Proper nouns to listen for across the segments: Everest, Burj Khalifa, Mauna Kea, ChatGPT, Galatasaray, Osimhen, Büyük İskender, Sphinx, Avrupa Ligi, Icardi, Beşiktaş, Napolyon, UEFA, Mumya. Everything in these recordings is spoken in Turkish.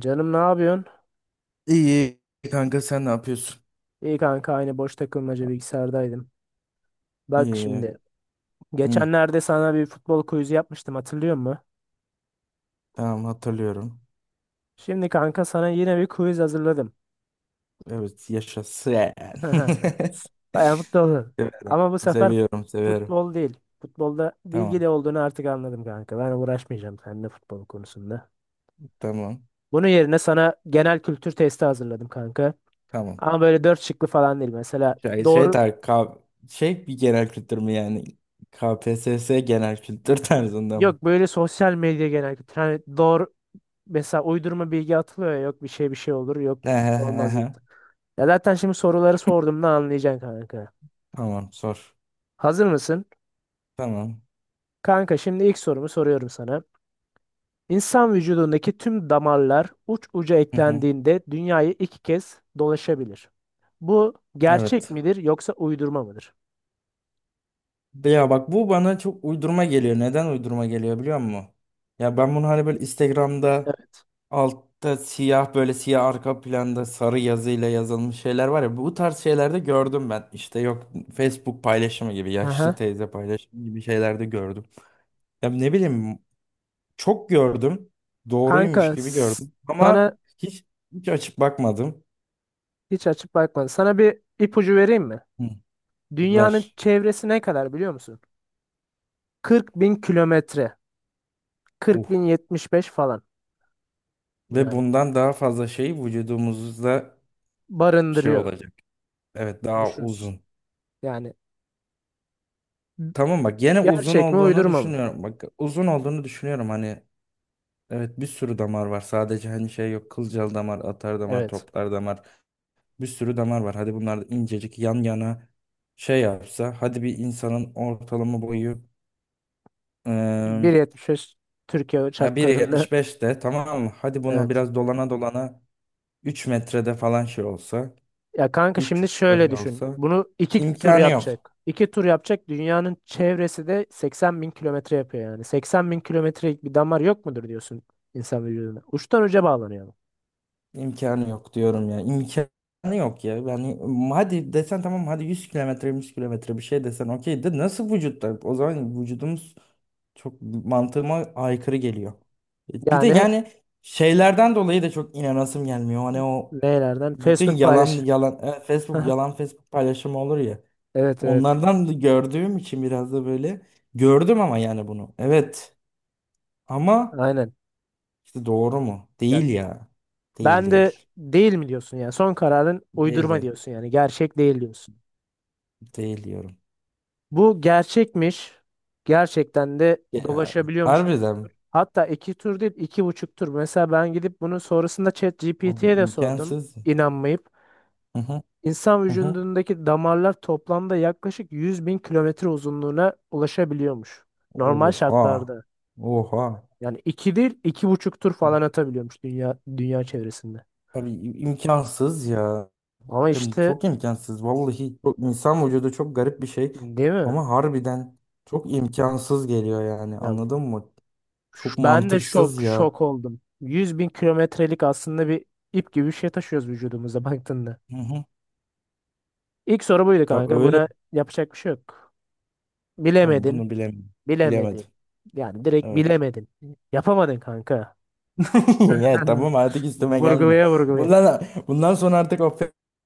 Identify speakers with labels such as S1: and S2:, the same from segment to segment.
S1: Canım ne yapıyorsun?
S2: İyi kanka sen ne yapıyorsun?
S1: İyi kanka aynı boş takılmaca bilgisayardaydım. Bak
S2: İyi.
S1: şimdi
S2: Hı,
S1: geçenlerde sana bir futbol quiz'i yapmıştım hatırlıyor musun?
S2: tamam hatırlıyorum.
S1: Şimdi kanka sana yine bir quiz hazırladım.
S2: Evet, yaşasın.
S1: Bayağı mutlu oldum.
S2: Severim.
S1: Ama bu sefer
S2: Seviyorum, seviyorum.
S1: futbol değil. Futbolda
S2: Tamam,
S1: bilgili olduğunu artık anladım kanka. Ben uğraşmayacağım seninle futbol konusunda.
S2: tamam,
S1: Bunun yerine sana genel kültür testi hazırladım kanka.
S2: tamam.
S1: Ama böyle dört şıklı falan değil. Mesela doğru
S2: Tar K şey bir genel kültür mü yani? KPSS genel kültür tarzında mı?
S1: yok, böyle sosyal medya genel kültür. Hani mesela uydurma bilgi atılıyor ya, yok bir şey bir şey olur yok
S2: Ehe,
S1: olmaz
S2: ehe.
S1: gibi. Ya zaten şimdi soruları sorduğumda anlayacaksın kanka.
S2: Tamam, sor.
S1: Hazır mısın?
S2: Tamam.
S1: Kanka şimdi ilk sorumu soruyorum sana. İnsan vücudundaki tüm damarlar uç uca
S2: Hı hı.
S1: eklendiğinde dünyayı iki kez dolaşabilir. Bu gerçek
S2: Evet.
S1: midir yoksa uydurma mıdır?
S2: Ya bak, bu bana çok uydurma geliyor. Neden uydurma geliyor biliyor musun? Ya ben bunu hani böyle Instagram'da
S1: Evet.
S2: altta siyah, böyle siyah arka planda sarı yazıyla yazılmış şeyler var ya, bu tarz şeylerde gördüm ben. İşte yok, Facebook paylaşımı gibi, yaşlı
S1: Aha.
S2: teyze paylaşımı gibi şeylerde gördüm. Ya ne bileyim, çok gördüm.
S1: Kanka
S2: Doğruymuş gibi gördüm ama
S1: sana
S2: hiç hiç açıp bakmadım.
S1: hiç açıp bakmadım. Sana bir ipucu vereyim mi?
S2: Hı,
S1: Dünyanın
S2: ver.
S1: çevresi ne kadar biliyor musun? 40 bin kilometre.
S2: Uh.
S1: 40.075 falan.
S2: Ve
S1: Yani
S2: bundan daha fazla şey vücudumuzda şey
S1: barındırıyormuşuz.
S2: olacak. Evet, daha uzun.
S1: Yani
S2: Tamam bak, gene uzun
S1: gerçek mi
S2: olduğunu
S1: uydurma mı?
S2: düşünüyorum. Bak, uzun olduğunu düşünüyorum, hani evet, bir sürü damar var. Sadece hani şey yok, kılcal damar, atar damar,
S1: Evet.
S2: toplar damar. Bir sürü damar var. Hadi bunlar da incecik yan yana şey yapsa, hadi bir insanın ortalama boyu eee
S1: 1,75, Türkiye
S2: ya
S1: şartlarında.
S2: 1.75 de tamam mı? Hadi buna
S1: Evet.
S2: biraz dolana dolana 3 metrede falan şey olsa.
S1: Ya kanka şimdi
S2: 3
S1: şöyle
S2: öyle
S1: düşün.
S2: olsa
S1: Bunu iki tur
S2: imkanı yok.
S1: yapacak. İki tur yapacak. Dünyanın çevresi de 80 bin kilometre yapıyor yani. 80 bin kilometrelik bir damar yok mudur diyorsun insan vücuduna? Uçtan uca bağlanıyor bu.
S2: İmkanı yok diyorum ya. İmkanı yok ya. Yani hadi desen tamam, hadi 100 kilometre, 100 kilometre bir şey desen okey, de nasıl vücutta? O zaman vücudumuz çok mantığıma aykırı geliyor. Bir de
S1: Yani
S2: yani şeylerden dolayı da çok inanasım gelmiyor. Hani o
S1: nelerden?
S2: bütün
S1: Facebook
S2: yalan
S1: paylaş.
S2: yalan Facebook yalan, Facebook paylaşımı olur ya.
S1: Evet, evet.
S2: Onlardan da gördüğüm için biraz da böyle gördüm ama yani bunu. Evet ama
S1: Aynen.
S2: işte, doğru mu?
S1: Ya,
S2: Değil ya. Değil,
S1: ben de
S2: değil.
S1: değil mi diyorsun ya. Son kararın uydurma
S2: Değil.
S1: diyorsun yani. Gerçek değil diyorsun.
S2: Değil diyorum.
S1: Bu gerçekmiş. Gerçekten de
S2: Ya,
S1: dolaşabiliyormuş.
S2: harbiden mi?
S1: Hatta iki tur değil, iki buçuk tur. Mesela ben gidip bunu sonrasında
S2: Abi
S1: ChatGPT'ye de sordum
S2: imkansız.
S1: inanmayıp.
S2: Hı hı,
S1: İnsan
S2: hı hı.
S1: vücudundaki damarlar toplamda yaklaşık 100 bin kilometre uzunluğuna ulaşabiliyormuş. Normal
S2: Oha.
S1: şartlarda.
S2: Oha.
S1: Yani iki değil, iki buçuk tur falan atabiliyormuş dünya çevresinde.
S2: Abi imkansız ya.
S1: Ama
S2: Yani
S1: işte,
S2: çok imkansız. Vallahi çok, insan vücudu çok garip bir şey.
S1: değil mi?
S2: Ama harbiden çok imkansız geliyor yani.
S1: Ya,
S2: Anladın mı? Çok
S1: Ben de
S2: mantıksız
S1: şok
S2: ya.
S1: şok oldum. 100 bin kilometrelik aslında bir ip gibi bir şey taşıyoruz vücudumuza baktığında.
S2: Hı hı.
S1: İlk soru buydu
S2: Ya
S1: kanka.
S2: öyle.
S1: Buna yapacak bir şey yok.
S2: Tamam,
S1: Bilemedin.
S2: bunu bilemedim. Bilemedim.
S1: Bilemedin. Yani direkt
S2: Evet.
S1: bilemedin. Yapamadın kanka.
S2: Ya tamam, artık üstüme gelme.
S1: Vurgulaya vurgulaya.
S2: Bundan bundan sonra artık o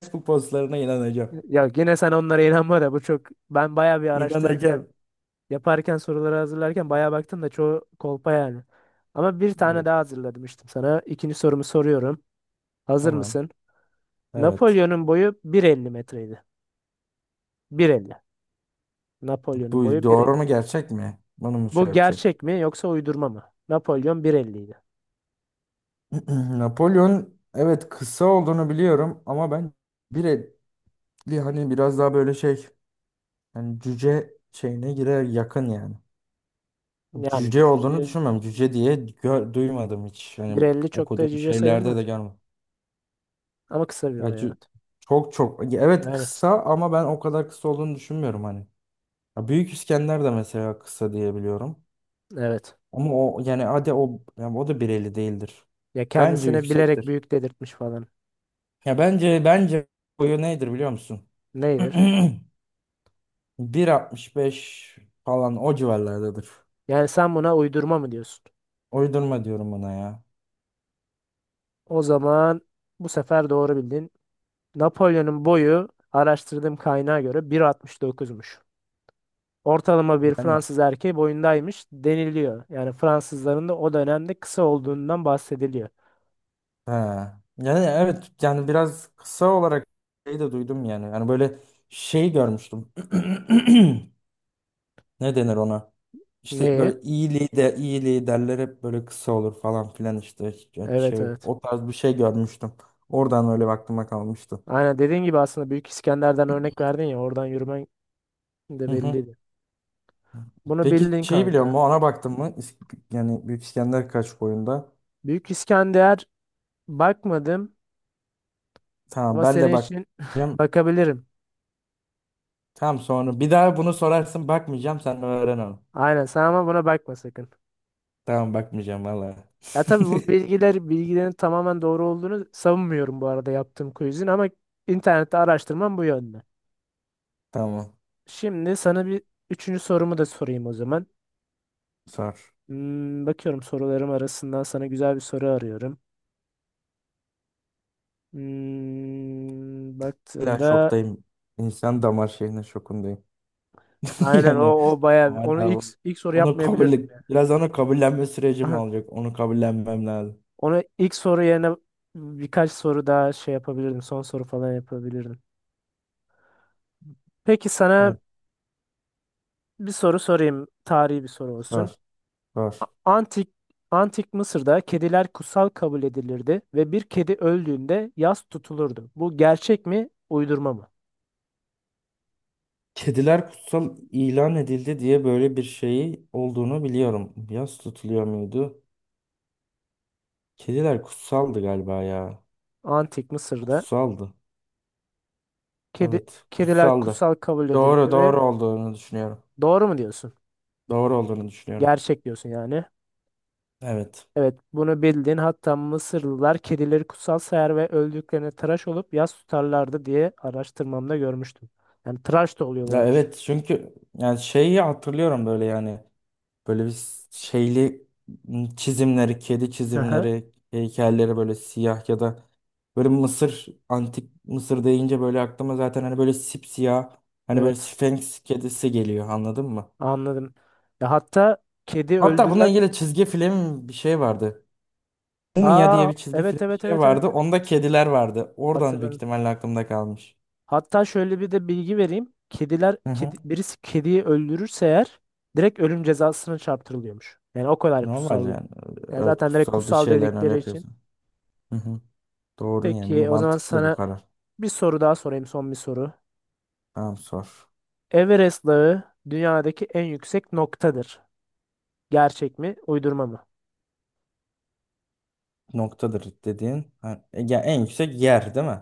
S2: Facebook postlarına inanacağım.
S1: Ya yine sen onlara inanma da bu çok... Ben bayağı bir araştırırken,
S2: İnanacağım.
S1: yaparken, soruları hazırlarken bayağı baktım da çoğu kolpa yani. Ama bir tane
S2: Evet.
S1: daha hazırladım işte sana. İkinci sorumu soruyorum. Hazır
S2: Tamam.
S1: mısın?
S2: Evet.
S1: Napolyon'un boyu 1,50 metreydi. 1,50. Napolyon'un
S2: Bu
S1: boyu
S2: doğru
S1: 1,50.
S2: mu, gerçek mi? Bunu mu şey
S1: Bu
S2: yapacağım?
S1: gerçek mi yoksa uydurma mı? Napolyon 1,50 idi.
S2: Napolyon, evet kısa olduğunu biliyorum ama ben bir etli, hani biraz daha böyle şey, yani cüce şeyine girer yakın yani.
S1: Yani
S2: Cüce olduğunu
S1: cüce.
S2: düşünmem. Duymadım hiç. Yani
S1: 1,50 çok da
S2: okuduğum
S1: cüce
S2: şeylerde de
S1: sayılmaz ya.
S2: görmedim.
S1: Ama kısa bir
S2: Ya
S1: boy,
S2: cü-
S1: evet.
S2: Çok çok, ya evet
S1: Aynen.
S2: kısa ama ben o kadar kısa olduğunu düşünmüyorum hani. Ya, Büyük İskender de mesela kısa diye biliyorum.
S1: Evet.
S2: Ama o yani, hadi o yani o da 1.50 değildir.
S1: Ya
S2: Bence
S1: kendisine bilerek
S2: yüksektir.
S1: büyük dedirtmiş falan.
S2: Ya bence boyu nedir biliyor musun?
S1: Neydir?
S2: 1.65 falan, o civarlardadır.
S1: Yani sen buna uydurma mı diyorsun?
S2: Uydurma diyorum buna ya.
S1: O zaman bu sefer doğru bildin. Napolyon'un boyu, araştırdığım kaynağa göre, 1,69'muş. Ortalama bir
S2: Yani
S1: Fransız erkeği boyundaymış deniliyor. Yani Fransızların da o dönemde kısa olduğundan bahsediliyor.
S2: he. Yani evet, yani biraz kısa olarak şey de duydum yani. Yani böyle şey görmüştüm. Ne denir ona? İşte
S1: Neye?
S2: böyle iyi lider, iyi liderler hep böyle kısa olur falan filan işte.
S1: Evet,
S2: Şey,
S1: evet.
S2: o tarz bir şey görmüştüm. Oradan öyle aklıma kalmıştı.
S1: Aynen, dediğin gibi aslında Büyük İskender'den örnek verdin ya, oradan yürümen de
S2: Hı hı.
S1: belliydi. Bunu
S2: Peki
S1: bildin
S2: şeyi biliyor musun?
S1: kanka.
S2: Ona baktın mı? Yani Büyük İskender kaç boyunda?
S1: Büyük İskender, bakmadım
S2: Tamam,
S1: ama
S2: ben de
S1: senin için
S2: bakacağım.
S1: bakabilirim.
S2: Tamam, sonra bir daha bunu sorarsın, bakmayacağım, sen öğren onu.
S1: Aynen, sen ama buna bakma sakın.
S2: Tamam, bakmayacağım valla.
S1: Ya tabii, bu bilgilerin tamamen doğru olduğunu savunmuyorum bu arada yaptığım quizin, ama internette araştırmam bu yönde.
S2: Tamam,
S1: Şimdi sana bir üçüncü sorumu da sorayım o zaman.
S2: sor.
S1: Bakıyorum sorularım arasından sana güzel bir soru arıyorum.
S2: Ya
S1: Baktığımda...
S2: şoktayım. İnsan damar şeyine şokundayım.
S1: Aynen, o
S2: Yani
S1: o bayağı onu
S2: hala
S1: ilk
S2: o-
S1: ilk soru
S2: onu
S1: yapmayabilirdim
S2: kabul, biraz onu kabullenme sürecim
S1: yani.
S2: alacak. Onu kabullenmem lazım.
S1: Onu ilk soru yerine birkaç soru daha şey yapabilirdim. Son soru falan yapabilirdim. Peki sana
S2: Evet,
S1: bir soru sorayım. Tarihi bir soru olsun.
S2: var, var.
S1: A- Antik Antik Mısır'da kediler kutsal kabul edilirdi ve bir kedi öldüğünde yas tutulurdu. Bu gerçek mi, uydurma mı?
S2: Kediler kutsal ilan edildi diye böyle bir şeyi olduğunu biliyorum. Yas tutuluyor muydu? Kediler kutsaldı galiba ya.
S1: Antik Mısır'da
S2: Kutsaldı.
S1: kedi
S2: Evet,
S1: kediler
S2: kutsaldı.
S1: kutsal kabul
S2: Doğru,
S1: edilirdi ve,
S2: doğru olduğunu düşünüyorum.
S1: doğru mu diyorsun?
S2: Doğru olduğunu düşünüyorum.
S1: Gerçek diyorsun yani.
S2: Evet.
S1: Evet, bunu bildin. Hatta Mısırlılar kedileri kutsal sayar ve öldüklerine tıraş olup yas tutarlardı diye araştırmamda görmüştüm. Yani tıraş da
S2: Ya
S1: oluyorlarmış.
S2: evet, çünkü yani şeyi hatırlıyorum böyle yani, böyle bir şeyli çizimleri, kedi
S1: Aha,
S2: çizimleri, heykelleri böyle siyah, ya da böyle Mısır, antik Mısır deyince böyle aklıma zaten hani böyle sipsiyah, hani böyle
S1: evet,
S2: Sphinx kedisi geliyor, anladın mı?
S1: anladım. Ya hatta kedi
S2: Hatta bununla
S1: öldüren...
S2: ilgili çizgi film bir şey vardı. Mumya diye
S1: Aa,
S2: bir çizgi
S1: evet,
S2: film bir
S1: evet,
S2: şey
S1: evet,
S2: vardı.
S1: evet, evet.
S2: Onda kediler vardı. Oradan büyük
S1: Hatırladım.
S2: ihtimalle aklımda kalmış.
S1: Hatta şöyle bir de bilgi vereyim.
S2: Hı hı.
S1: Birisi kediyi öldürürse eğer direkt ölüm cezasına çarptırılıyormuş. Yani o kadar
S2: Normal
S1: kutsal.
S2: yani.
S1: Yani
S2: Evet,
S1: zaten direkt
S2: kutsal bir
S1: kutsal
S2: şeyler öyle
S1: dedikleri için.
S2: yapıyorsun. Hı hı. Doğru yani, bu
S1: Peki o zaman
S2: mantıklı bu
S1: sana
S2: karar.
S1: bir soru daha sorayım, son bir soru.
S2: Tamam, sor.
S1: Everest Dağı dünyadaki en yüksek noktadır. Gerçek mi, uydurma mı?
S2: Noktadır dediğin. Ha, ya en yüksek yer değil mi?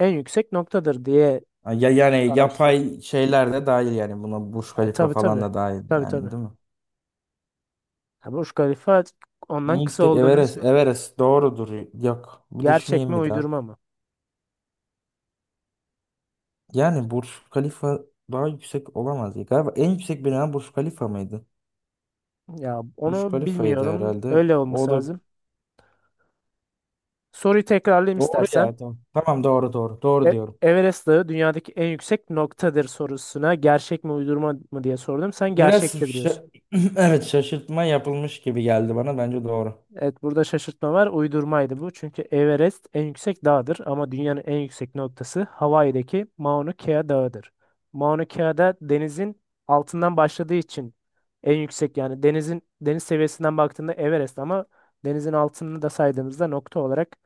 S1: En yüksek noktadır diye
S2: Ha, ya, yani
S1: araştırdım.
S2: yapay şeyler de dahil yani, buna Burj
S1: E,
S2: Khalifa
S1: tabii,
S2: falan
S1: tabii.
S2: da dahil
S1: Tabii, tabii.
S2: yani, değil mi?
S1: Ya Burj Khalifa
S2: En
S1: ondan kısa
S2: yüksek
S1: olduğunu
S2: Everest.
S1: söylüyor.
S2: Everest doğrudur. Yok. Bir
S1: Gerçek mi,
S2: düşüneyim bir daha.
S1: uydurma mı?
S2: Yani Burj Khalifa daha yüksek olamaz. Galiba en yüksek bina Burj Khalifa mıydı?
S1: Ya
S2: Burj
S1: onu
S2: Khalifa'ydı
S1: bilmiyorum.
S2: herhalde.
S1: Öyle olması
S2: O da
S1: lazım. Soruyu tekrarlayayım
S2: doğru
S1: istersen.
S2: ya. Tamam, tamam, doğru doğru. Doğru
S1: E-
S2: diyorum.
S1: Everest Dağı dünyadaki en yüksek noktadır sorusuna gerçek mi, uydurma mı diye sordum. Sen
S2: Biraz
S1: gerçektir diyorsun.
S2: şa- evet, şaşırtma yapılmış gibi geldi bana. Bence doğru.
S1: Evet, burada şaşırtma var. Uydurmaydı bu. Çünkü Everest en yüksek dağdır, ama dünyanın en yüksek noktası Hawaii'deki Mauna Kea Dağı'dır. Mauna Kea'da denizin altından başladığı için en yüksek, yani deniz seviyesinden baktığında Everest, ama denizin altını da saydığımızda nokta olarak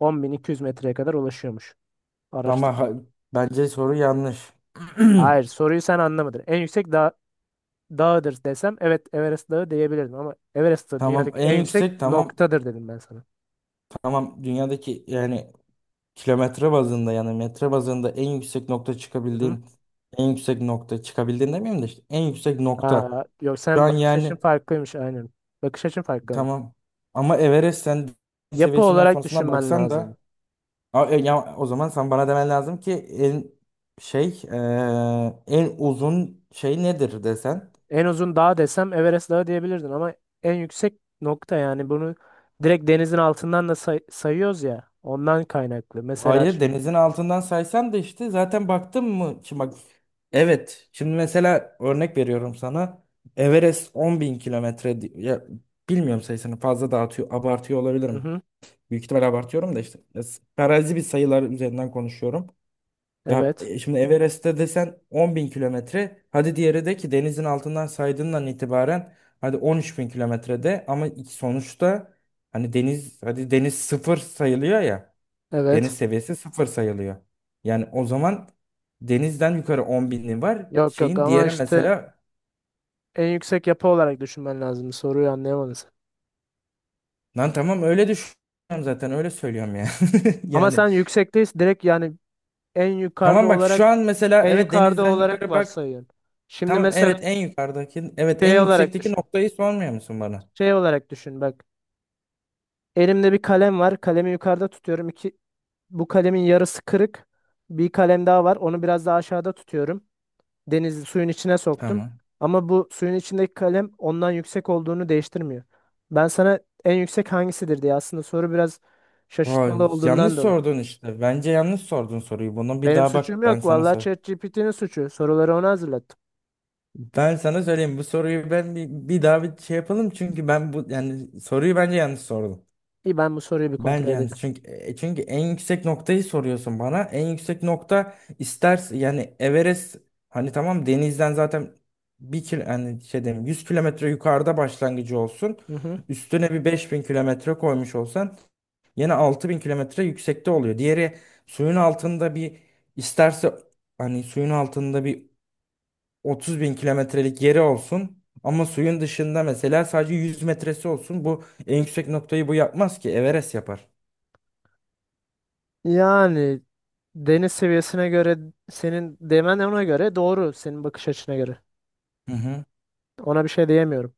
S1: 10.200 metreye kadar ulaşıyormuş.
S2: Ama
S1: Araştırmaya.
S2: ha- Bence soru yanlış.
S1: Hayır, soruyu sen anlamadın. En yüksek dağıdır desem evet, Everest Dağı diyebilirdim, ama Everest Dağı
S2: Tamam,
S1: dünyadaki
S2: en
S1: en yüksek
S2: yüksek tamam.
S1: noktadır dedim ben sana.
S2: Tamam, dünyadaki yani kilometre bazında, yani metre bazında en yüksek nokta
S1: Hı
S2: çıkabildiğin, en yüksek nokta çıkabildiğin demeyeyim de, işte en yüksek nokta.
S1: Ha, yok,
S2: Şu
S1: sen
S2: an
S1: bakış açın
S2: yani
S1: farklıymış aynen. Bakış açın farklı mı?
S2: tamam, ama Everest sen deniz
S1: Yapı
S2: seviyesinden
S1: olarak
S2: sonrasına
S1: düşünmen
S2: baksan
S1: lazım.
S2: da ya, o zaman sen bana demen lazım ki en şey en uzun şey nedir desen.
S1: En uzun dağ desem Everest Dağı diyebilirdin, ama en yüksek nokta, yani bunu direkt denizin altından da sayıyoruz ya, ondan kaynaklı. Mesela
S2: Hayır,
S1: şimdi.
S2: denizin altından saysan da işte zaten baktın mı? Şimdi bak, evet şimdi mesela örnek veriyorum sana, Everest 10 bin kilometre ya, bilmiyorum, sayısını fazla dağıtıyor, abartıyor
S1: Hı
S2: olabilirim.
S1: hı,
S2: Büyük ihtimal abartıyorum da işte ya, farazi bir sayılar üzerinden konuşuyorum. Ya
S1: evet.
S2: şimdi Everest'te desen 10 bin kilometre, hadi diğeri de ki denizin altından saydığından itibaren hadi 13 bin kilometrede, ama sonuçta hani deniz, hadi deniz sıfır sayılıyor ya.
S1: Evet.
S2: Deniz seviyesi sıfır sayılıyor. Yani o zaman denizden yukarı 10 bini var.
S1: Yok, yok,
S2: Şeyin
S1: ama
S2: diğeri
S1: işte
S2: mesela
S1: en yüksek yapı olarak düşünmen lazım. Soruyu anlayamadın sen.
S2: lan tamam, öyle düşünüyorum zaten öyle söylüyorum ya.
S1: Ama
S2: Yani
S1: sen yüksekteyiz direkt yani en yukarıda
S2: tamam bak,
S1: olarak
S2: şu an mesela
S1: en
S2: evet,
S1: yukarıda
S2: denizden
S1: olarak
S2: yukarı bak.
S1: varsayıyorsun. Şimdi
S2: Tamam
S1: mesela
S2: evet, en yukarıdaki, evet en
S1: şey olarak
S2: yüksekteki
S1: düşün.
S2: noktayı sormuyor musun bana?
S1: Şey olarak düşün bak. Elimde bir kalem var. Kalemi yukarıda tutuyorum. İki, bu kalemin yarısı kırık. Bir kalem daha var. Onu biraz daha aşağıda tutuyorum. Denizi suyun içine soktum.
S2: Tamam.
S1: Ama bu suyun içindeki kalem ondan yüksek olduğunu değiştirmiyor. Ben sana en yüksek hangisidir diye aslında soru biraz şaşırtmalı
S2: Vay, yanlış
S1: olduğundan dolayı.
S2: sordun işte. Bence yanlış sordun soruyu. Bunu bir
S1: Benim
S2: daha
S1: suçum
S2: bak, ben
S1: yok.
S2: sana
S1: Vallahi
S2: sor.
S1: ChatGPT'nin suçu. Soruları ona hazırlattım.
S2: Ben sana söyleyeyim, bu soruyu ben bir, bir daha bir şey yapalım, çünkü ben bu, yani soruyu bence yanlış sordum.
S1: İyi, ben bu soruyu bir kontrol
S2: Bence yani
S1: edeceğim.
S2: çünkü çünkü en yüksek noktayı soruyorsun bana. En yüksek nokta istersen yani Everest, hani tamam denizden zaten bir kil yani şey diyeyim, 100 kilometre yukarıda başlangıcı olsun.
S1: Hı hı.
S2: Üstüne bir 5 bin kilometre koymuş olsan yine 6 bin kilometre yüksekte oluyor. Diğeri suyun altında bir isterse, hani suyun altında bir 30 bin kilometrelik yeri olsun. Ama suyun dışında mesela sadece 100 metresi olsun. Bu en yüksek noktayı bu yapmaz ki, Everest yapar.
S1: Yani deniz seviyesine göre senin demen ona göre doğru, senin bakış açına göre.
S2: Hı hı.
S1: Ona bir şey diyemiyorum.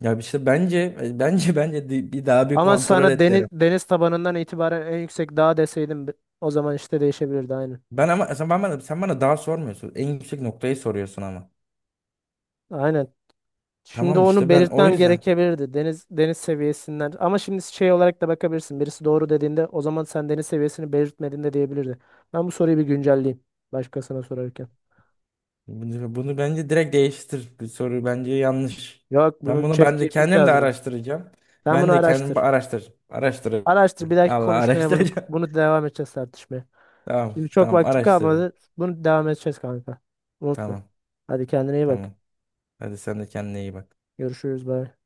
S2: Ya işte bence bence bir daha bir
S1: Ama
S2: kontrol
S1: sana
S2: et derim.
S1: deniz tabanından itibaren en yüksek dağ deseydim, o zaman işte değişebilirdi aynen.
S2: Ben ama sen bana daha sormuyorsun. En yüksek noktayı soruyorsun ama.
S1: Aynen. Şimdi
S2: Tamam
S1: onu
S2: işte, ben o
S1: belirtmem
S2: yüzden
S1: gerekebilirdi. Deniz seviyesinden. Ama şimdi şey olarak da bakabilirsin. Birisi doğru dediğinde, o zaman sen deniz seviyesini belirtmediğinde diyebilirdi. Ben bu soruyu bir güncelleyeyim başkasına sorarken.
S2: bunu bence direkt değiştir. Bu soru bence yanlış.
S1: Yok,
S2: Ben
S1: bunu
S2: bunu, ben de
S1: ChatGPT
S2: kendim de
S1: yazdı.
S2: araştıracağım.
S1: Sen bunu
S2: Ben de kendim
S1: araştır.
S2: araştır.
S1: Araştır, bir dahaki
S2: Allah
S1: konuşmaya bunu
S2: araştıracağım.
S1: bunu devam edeceğiz, tartışmaya.
S2: Tamam,
S1: Şimdi çok
S2: tamam
S1: vaktim
S2: araştıracağım.
S1: kalmadı. Bunu devam edeceğiz kanka. Unutma.
S2: Tamam,
S1: Hadi kendine iyi bak.
S2: tamam. Hadi sen de kendine iyi bak.
S1: Görüşürüz. Bye.